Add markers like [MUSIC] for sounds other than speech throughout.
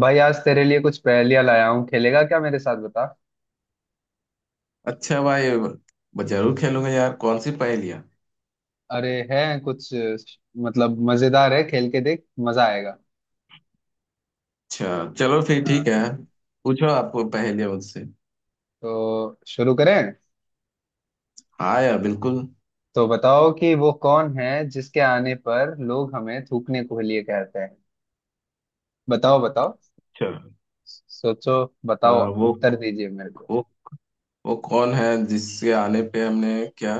भाई आज तेरे लिए कुछ पहेलियां लाया हूँ। खेलेगा क्या मेरे साथ, बता। अच्छा भाई, जरूर खेलूंगा यार। कौन सी पहेलियाँ? अरे है कुछ मतलब मजेदार है। खेल के देख, मजा आएगा। अच्छा, चलो फिर हाँ, ठीक है। पूछो, आपको पहेलियाँ मुझसे। तो शुरू करें। हाँ यार, बिल्कुल। तो बताओ कि वो कौन है जिसके आने पर लोग हमें थूकने को लिए कहते हैं। बताओ, बताओ। चलो। सोचो। आ, बताओ। उत्तर दीजिए मेरे को। वो वो कौन है जिसके आने पे हमने क्या?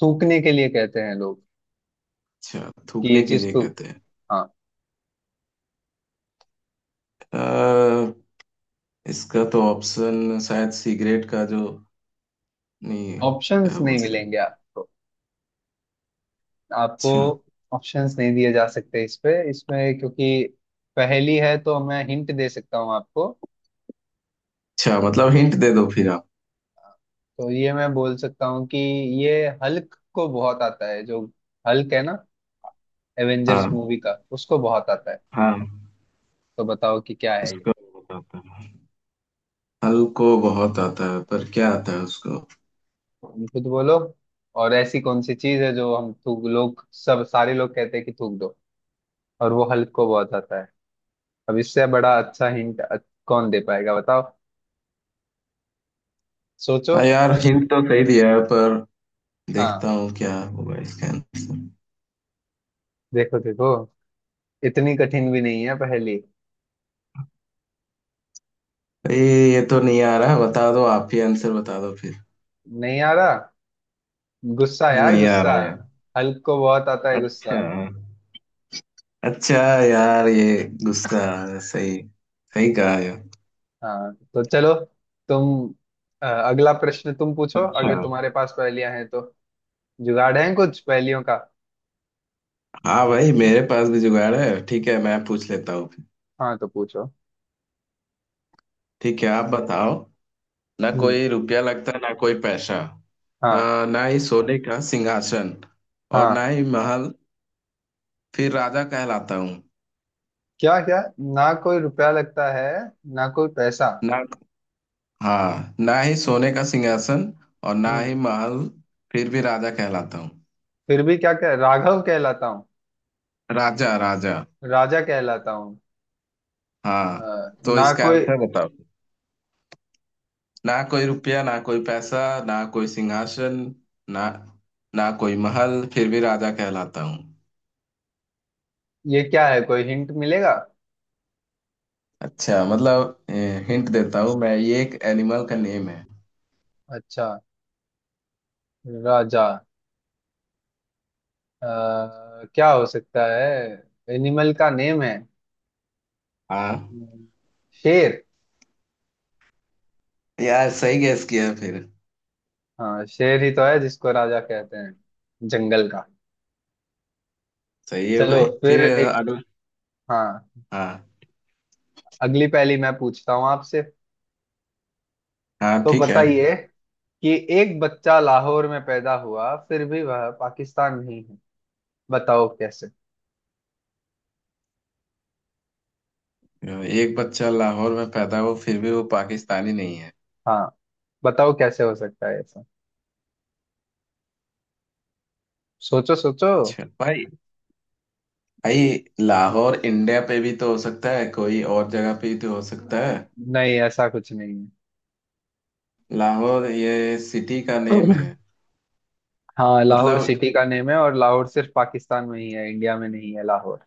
थूकने के लिए कहते हैं लोग अच्छा, कि ये थूकने के चीज लिए थूक कहते दो। हैं। हाँ। आ, इसका तो ऑप्शन शायद सिगरेट का जो नहीं है। ऑप्शंस क्या नहीं बोलते हैं? मिलेंगे आपको। आपको अच्छा ऑप्शंस नहीं दिए जा सकते इस पे, इसमें, क्योंकि पहेली है। तो मैं हिंट दे सकता हूँ आपको। अच्छा मतलब हिंट दे दो फिर आप। तो ये मैं बोल सकता हूँ कि ये हल्क को बहुत आता है। जो हल्क है ना, एवेंजर्स हाँ। मूवी का, उसको बहुत आता है। हाँ, तो बताओ कि क्या है ये। उसका बहुत आता है। हल को बहुत आता है, पर क्या आता है उसको? तुम खुद बोलो। और ऐसी कौन सी चीज है जो हम थूक लोग सब सारे लोग कहते हैं कि थूक दो। और वो हल्क को बहुत आता है। अब इससे बड़ा अच्छा हिंट कौन दे पाएगा, बताओ। सोचो। हाँ यार, हिंट तो सही हम्म। दिया है, पर हाँ। देखता हूँ क्या होगा इसका आंसर। देखो देखो, इतनी कठिन भी नहीं है पहली। ये ये तो नहीं आ रहा। बता दो, आप ही आंसर बता दो फिर। नहीं आ रहा? गुस्सा यार, नहीं आ गुस्सा। रहा यार। हल्क को बहुत आता है अच्छा। गुस्सा। अच्छा यार, ये गुस्सा, सही। सही कहा यार। हाँ तो चलो। तुम अगला प्रश्न तुम पूछो, अच्छा। अगर तुम्हारे पास पहेलियां हैं तो। जुगाड़ है कुछ पहेलियों का? हाँ भाई, मेरे पास भी जुगाड़ है, ठीक है, मैं पूछ लेता हूँ फिर। हाँ तो पूछो। ठीक है, आप बताओ। ना हम्म। कोई रुपया लगता है, ना कोई पैसा। हाँ। ना ही सोने का सिंहासन, और हाँ। ना ही महल। फिर राजा कहलाता हूँ। क्या क्या? ना कोई रुपया लगता है, ना कोई पैसा। ना। हाँ, ना ही सोने का सिंहासन और ना ही हम्म। महल। फिर भी राजा कहलाता हूँ। फिर भी क्या कह राघव कहलाता हूँ। राजा राजा। राजा कहलाता हूँ। अ, हाँ, तो ना इसका कोई। आंसर बताओ। ना कोई रुपया, ना कोई पैसा, ना कोई सिंहासन, ना, ना कोई महल, फिर भी राजा कहलाता हूँ। ये क्या है? कोई हिंट मिलेगा? अच्छा मतलब, हिंट देता हूँ मैं। ये एक एनिमल का नेम है। अच्छा। राजा, क्या हो सकता है? एनिमल का नेम है। हाँ हम्म। शेर। यार, सही गैस किया फिर। हाँ, शेर ही तो है जिसको राजा कहते हैं जंगल का। सही है चलो भाई, फिर फिर एक। अगला। हाँ, हाँ। अगली पहेली मैं पूछता हूँ आपसे। हाँ तो ठीक है। बताइए कि एक बच्चा लाहौर में पैदा हुआ फिर भी वह पाकिस्तान नहीं है। बताओ कैसे। एक बच्चा लाहौर में पैदा हो फिर भी वो पाकिस्तानी नहीं है? हाँ, बताओ कैसे हो सकता है ऐसा? सोचो सोचो। चल भाई, भाई, लाहौर इंडिया पे भी तो हो सकता है, कोई और जगह पे भी तो हो सकता है। नहीं, ऐसा कुछ नहीं लाहौर ये सिटी का नेम है। है। हाँ, लाहौर मतलब। सिटी का नेम है, और लाहौर सिर्फ पाकिस्तान में ही है, इंडिया में नहीं है लाहौर।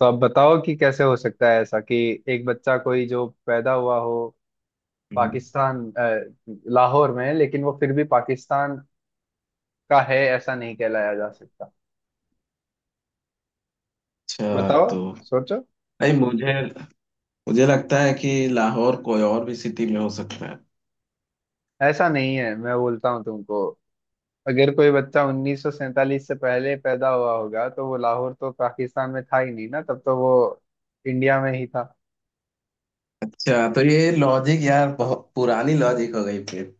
तो अब बताओ कि कैसे हो सकता है ऐसा कि एक बच्चा कोई जो पैदा हुआ हो हम्म। पाकिस्तान, लाहौर में, लेकिन वो फिर भी पाकिस्तान का है ऐसा नहीं कहलाया जा सकता। अच्छा बताओ। तो, सोचो। भाई मुझे मुझे लगता है कि लाहौर कोई और भी सिटी में हो सकता है। ऐसा नहीं है, मैं बोलता हूँ तुमको। अगर कोई बच्चा 1947 से पहले पैदा हुआ होगा तो वो लाहौर तो पाकिस्तान में था ही नहीं ना, तब तो वो इंडिया में ही था। अच्छा तो ये लॉजिक यार, बहुत पुरानी लॉजिक हो गई फिर।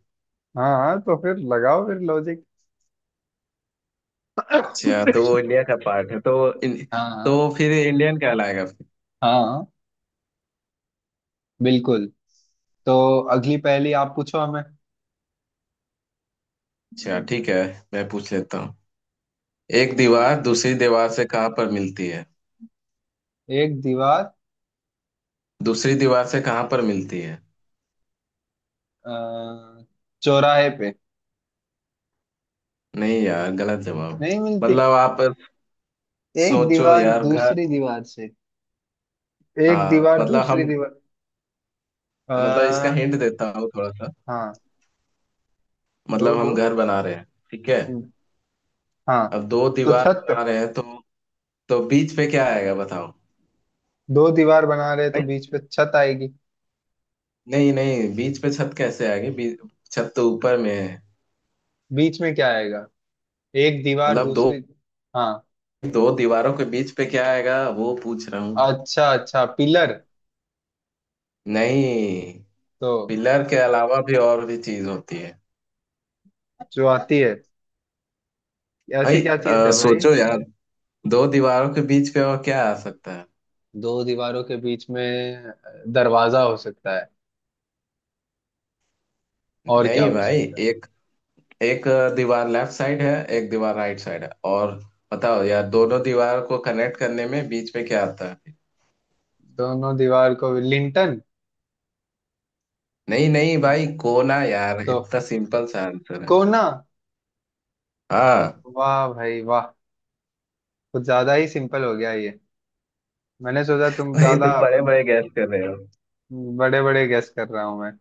हाँ तो फिर लगाओ फिर लॉजिक। अच्छा तो वो इंडिया का पार्ट है तो इन, हाँ। तो फिर इंडियन कहलाएगा फिर। हाँ, बिल्कुल। तो अगली पहेली आप पूछो हमें। अच्छा ठीक है, मैं पूछ लेता हूँ। एक हाँ। दीवार दूसरी दीवार से कहाँ पर मिलती है? एक दीवार। दूसरी दीवार से कहाँ पर मिलती है? अ, चौराहे पे। नहीं यार, गलत जवाब। नहीं मिलती। मतलब आप एक सोचो दीवार यार, घर। दूसरी दीवार से। एक हाँ दीवार मतलब दूसरी हम, दीवार। मतलब इसका अ, हिंट देता हूँ थोड़ा सा। हाँ। दो मतलब दो। हम घर बना रहे हैं, ठीक है? हम्म। हाँ अब दो तो दीवार छत। बना रहे हैं, तो बीच पे क्या आएगा बताओ? दो दीवार बना रहे तो भाई, बीच पे छत आएगी। नहीं नहीं, बीच पे छत कैसे आएगी? बीच, छत तो ऊपर में है। बीच में क्या आएगा? एक दीवार मतलब दो दूसरी। हाँ। दो दीवारों के बीच पे क्या आएगा, वो पूछ रहा हूँ। अच्छा अच्छा, पिलर। नहीं, तो पिलर के अलावा भी और भी चीज होती है। जो आती है, ऐसी भाई क्या चीज है भाई? सोचो यार, दो दीवारों के बीच पे और क्या आ सकता है? दो दीवारों के बीच में दरवाजा हो सकता है। और क्या नहीं हो भाई। सकता है? एक एक दीवार लेफ्ट साइड है, एक दीवार राइट साइड है, और बताओ यार, दोनों दीवार को कनेक्ट करने में बीच में क्या आता है? दोनों दीवार को लिंटन। नहीं नहीं भाई, कोना यार, तो इतना सिंपल सा आंसर है। कोना। हाँ। वाह भाई वाह। कुछ ज्यादा ही सिंपल हो गया ये। मैंने सोचा तुम भाई, ज्यादा तुम बड़े बड़े गैस कर रहे हो। बड़े बड़े गेस कर रहा हूं मैं।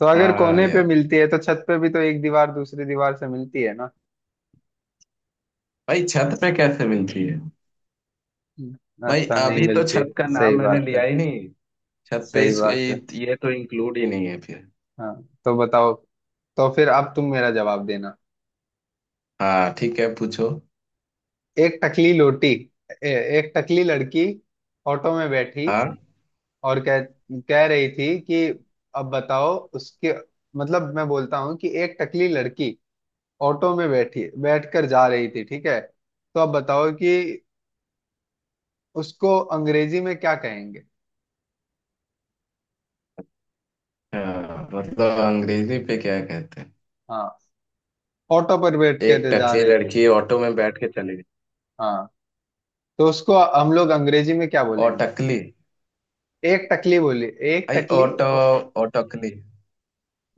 तो अगर हाँ कोने पे यार, मिलती है तो छत पे भी तो एक दीवार दूसरी दीवार से मिलती है ना। भाई छत पे कैसे मिलती है? भाई अच्छा, नहीं अभी तो मिलती। छत का सही नाम मैंने बात है। लिया ही नहीं। छत पे सही इस, बात है। ये तो इंक्लूड ही नहीं है फिर। हाँ तो बताओ। तो फिर अब तुम मेरा जवाब देना। हाँ ठीक है, पूछो। एक टकली लोटी। ए- एक टकली लड़की ऑटो में बैठी हाँ। और कह कह रही थी कि अब बताओ उसके मतलब। मैं बोलता हूँ कि एक टकली लड़की ऑटो में बैठी बैठकर जा रही थी, ठीक है। तो अब बताओ कि उसको अंग्रेजी में क्या कहेंगे। हाँ, मतलब अंग्रेजी पे क्या कहते हैं? हाँ। ऑटो पर बैठ एक कर जा टकली रही थी। लड़की ऑटो में बैठ के चली गई, हाँ तो उसको हम लोग अंग्रेजी में क्या और बोलेंगे? टकली। एक टकली बोली। एक आई टकली। ऑटो, ओ, और टकली।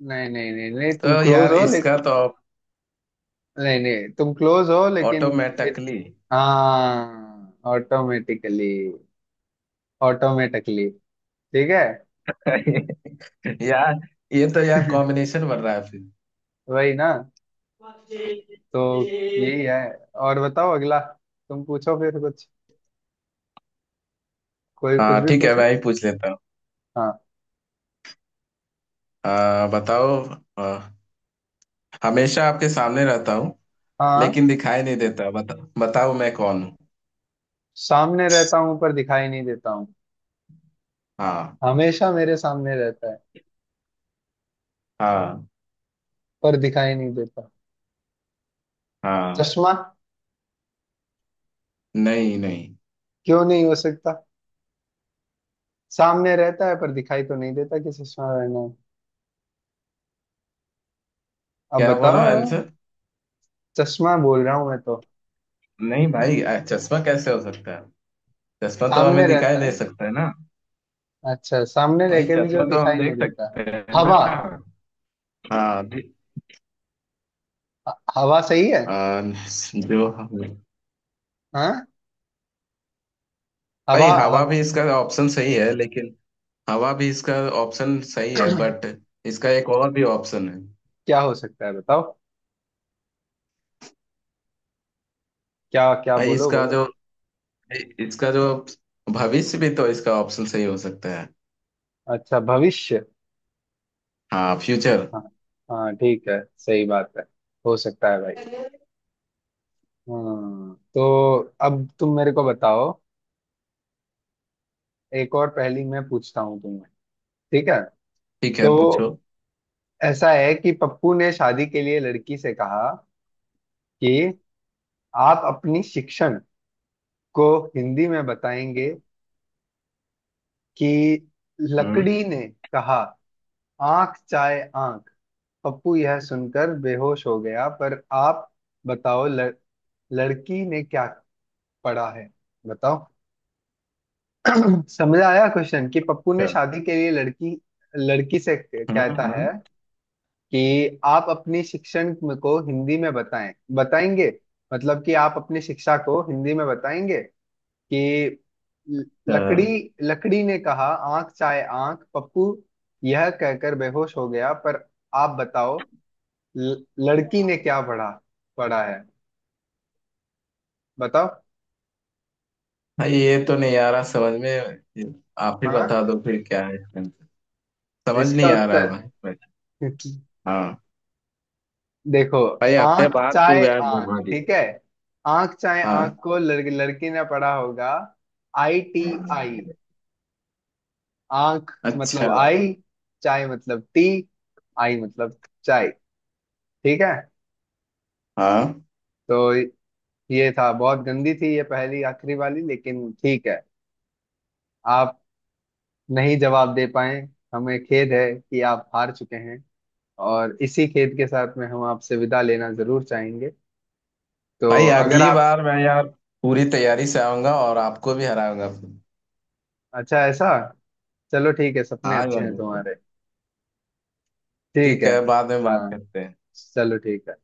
नहीं नहीं नहीं नहीं, तुम तो क्लोज यार हो इसका लेकिन। तो, नहीं नहीं, तुम क्लोज हो लेकिन। ऑटो में टकली। हाँ, ऑटोमेटिकली। ऑटोमेटिकली, ठीक है। [LAUGHS] यार ये तो यार [LAUGHS] कॉम्बिनेशन बन रहा है फिर। वही ना। तो यही है। और बताओ अगला। तुम पूछो फिर कुछ। कोई कुछ हाँ भी ठीक है, पूछो। मैं ही पूछ लेता हूँ। हाँ। बताओ। आ, हमेशा आपके सामने रहता हूँ, हाँ। लेकिन दिखाई नहीं देता। बताओ मैं कौन हूँ? सामने रहता हूँ पर दिखाई नहीं देता हूँ। हाँ। हमेशा मेरे सामने रहता है हाँ। पर दिखाई नहीं देता। हाँ। चश्मा। नहीं नहीं। क्यों नहीं हो सकता? सामने रहता है पर दिखाई तो नहीं देता, कि चश्मा रहना है। अब क्या बोला बताओ। आंसर? चश्मा बोल रहा हूँ मैं तो। नहीं भाई, चश्मा कैसे हो सकता है? चश्मा तो हमें सामने दिखाई रहता दे है। सकता है ना। अच्छा, सामने रह वही के भी जो चश्मा तो हम दिखाई नहीं देख देता है। सकते हैं हवा। ना। हाँ, हवा सही है। आ, जो। हाँ। हवा। भाई हवा भी हवा, इसका ऑप्शन सही है, लेकिन हवा भी इसका ऑप्शन सही है बट इसका एक और भी ऑप्शन है। क्या हो सकता है बताओ। क्या क्या, भाई बोलो इसका बोलो। जो इसका जो भविष्य भी तो इसका ऑप्शन सही हो सकता है। अच्छा, भविष्य। हाँ, फ्यूचर। हाँ। हाँ ठीक है, सही बात है। हो सकता है भाई। हम्म। तो अब तुम मेरे को बताओ। एक और पहेली मैं पूछता हूँ तुम्हें, ठीक है। ठीक है, पूछो। तो ऐसा है कि पप्पू ने शादी के लिए लड़की से कहा कि आप अपनी शिक्षण को हिंदी में बताएंगे। कि हम्म। लकड़ी ने कहा, आंख चाहे आंख। पप्पू यह सुनकर बेहोश हो गया। पर आप बताओ लड़की ने क्या पढ़ा है, बताओ। समझ आया क्वेश्चन कि पप्पू ने अच्छा। शादी के लिए लड़की लड़की से कहता हम्म। है कि आप अपनी शिक्षण को हिंदी में बताएंगे। मतलब कि आप अपनी शिक्षा को हिंदी में बताएंगे। कि ल- अच्छा। लकड़ी लकड़ी ने कहा, आंख चाहे आंख। पप्पू यह कहकर बेहोश हो गया। पर आप बताओ लड़की ने क्या पढ़ा पढ़ा है, बताओ। भाई ये तो नहीं आ रहा समझ में, आप ही हाँ। बता दो फिर क्या है। समझ इसका नहीं आ रहा उत्तर। भाई, भाई। [LAUGHS] हाँ। देखो। भाई अपने आंख [LAUGHS] बात तो चाहे यार आंख, घुमा दिया। ठीक है। आंख चाहे आंख हाँ। को लड़की ने पढ़ा होगा। I T. आई, आंख अच्छा। मतलब आई। चाय मतलब टी। आई मतलब चाय। ठीक है। हाँ तो ये था। बहुत गंदी थी ये पहली आखिरी वाली, लेकिन ठीक है। आप नहीं जवाब दे पाए। हमें खेद है कि आप हार चुके हैं। और इसी खेद के साथ में हम आपसे विदा लेना जरूर चाहेंगे। तो भाई, अगर अगली आप। बार मैं यार पूरी तैयारी से आऊंगा और आपको भी हराऊंगा। अच्छा, ऐसा? चलो ठीक है, सपने हाँ अच्छे यार, हैं बिल्कुल। तुम्हारे। ठीक ठीक है। है, बाद में बात हाँ, करते हैं। चलो ठीक है।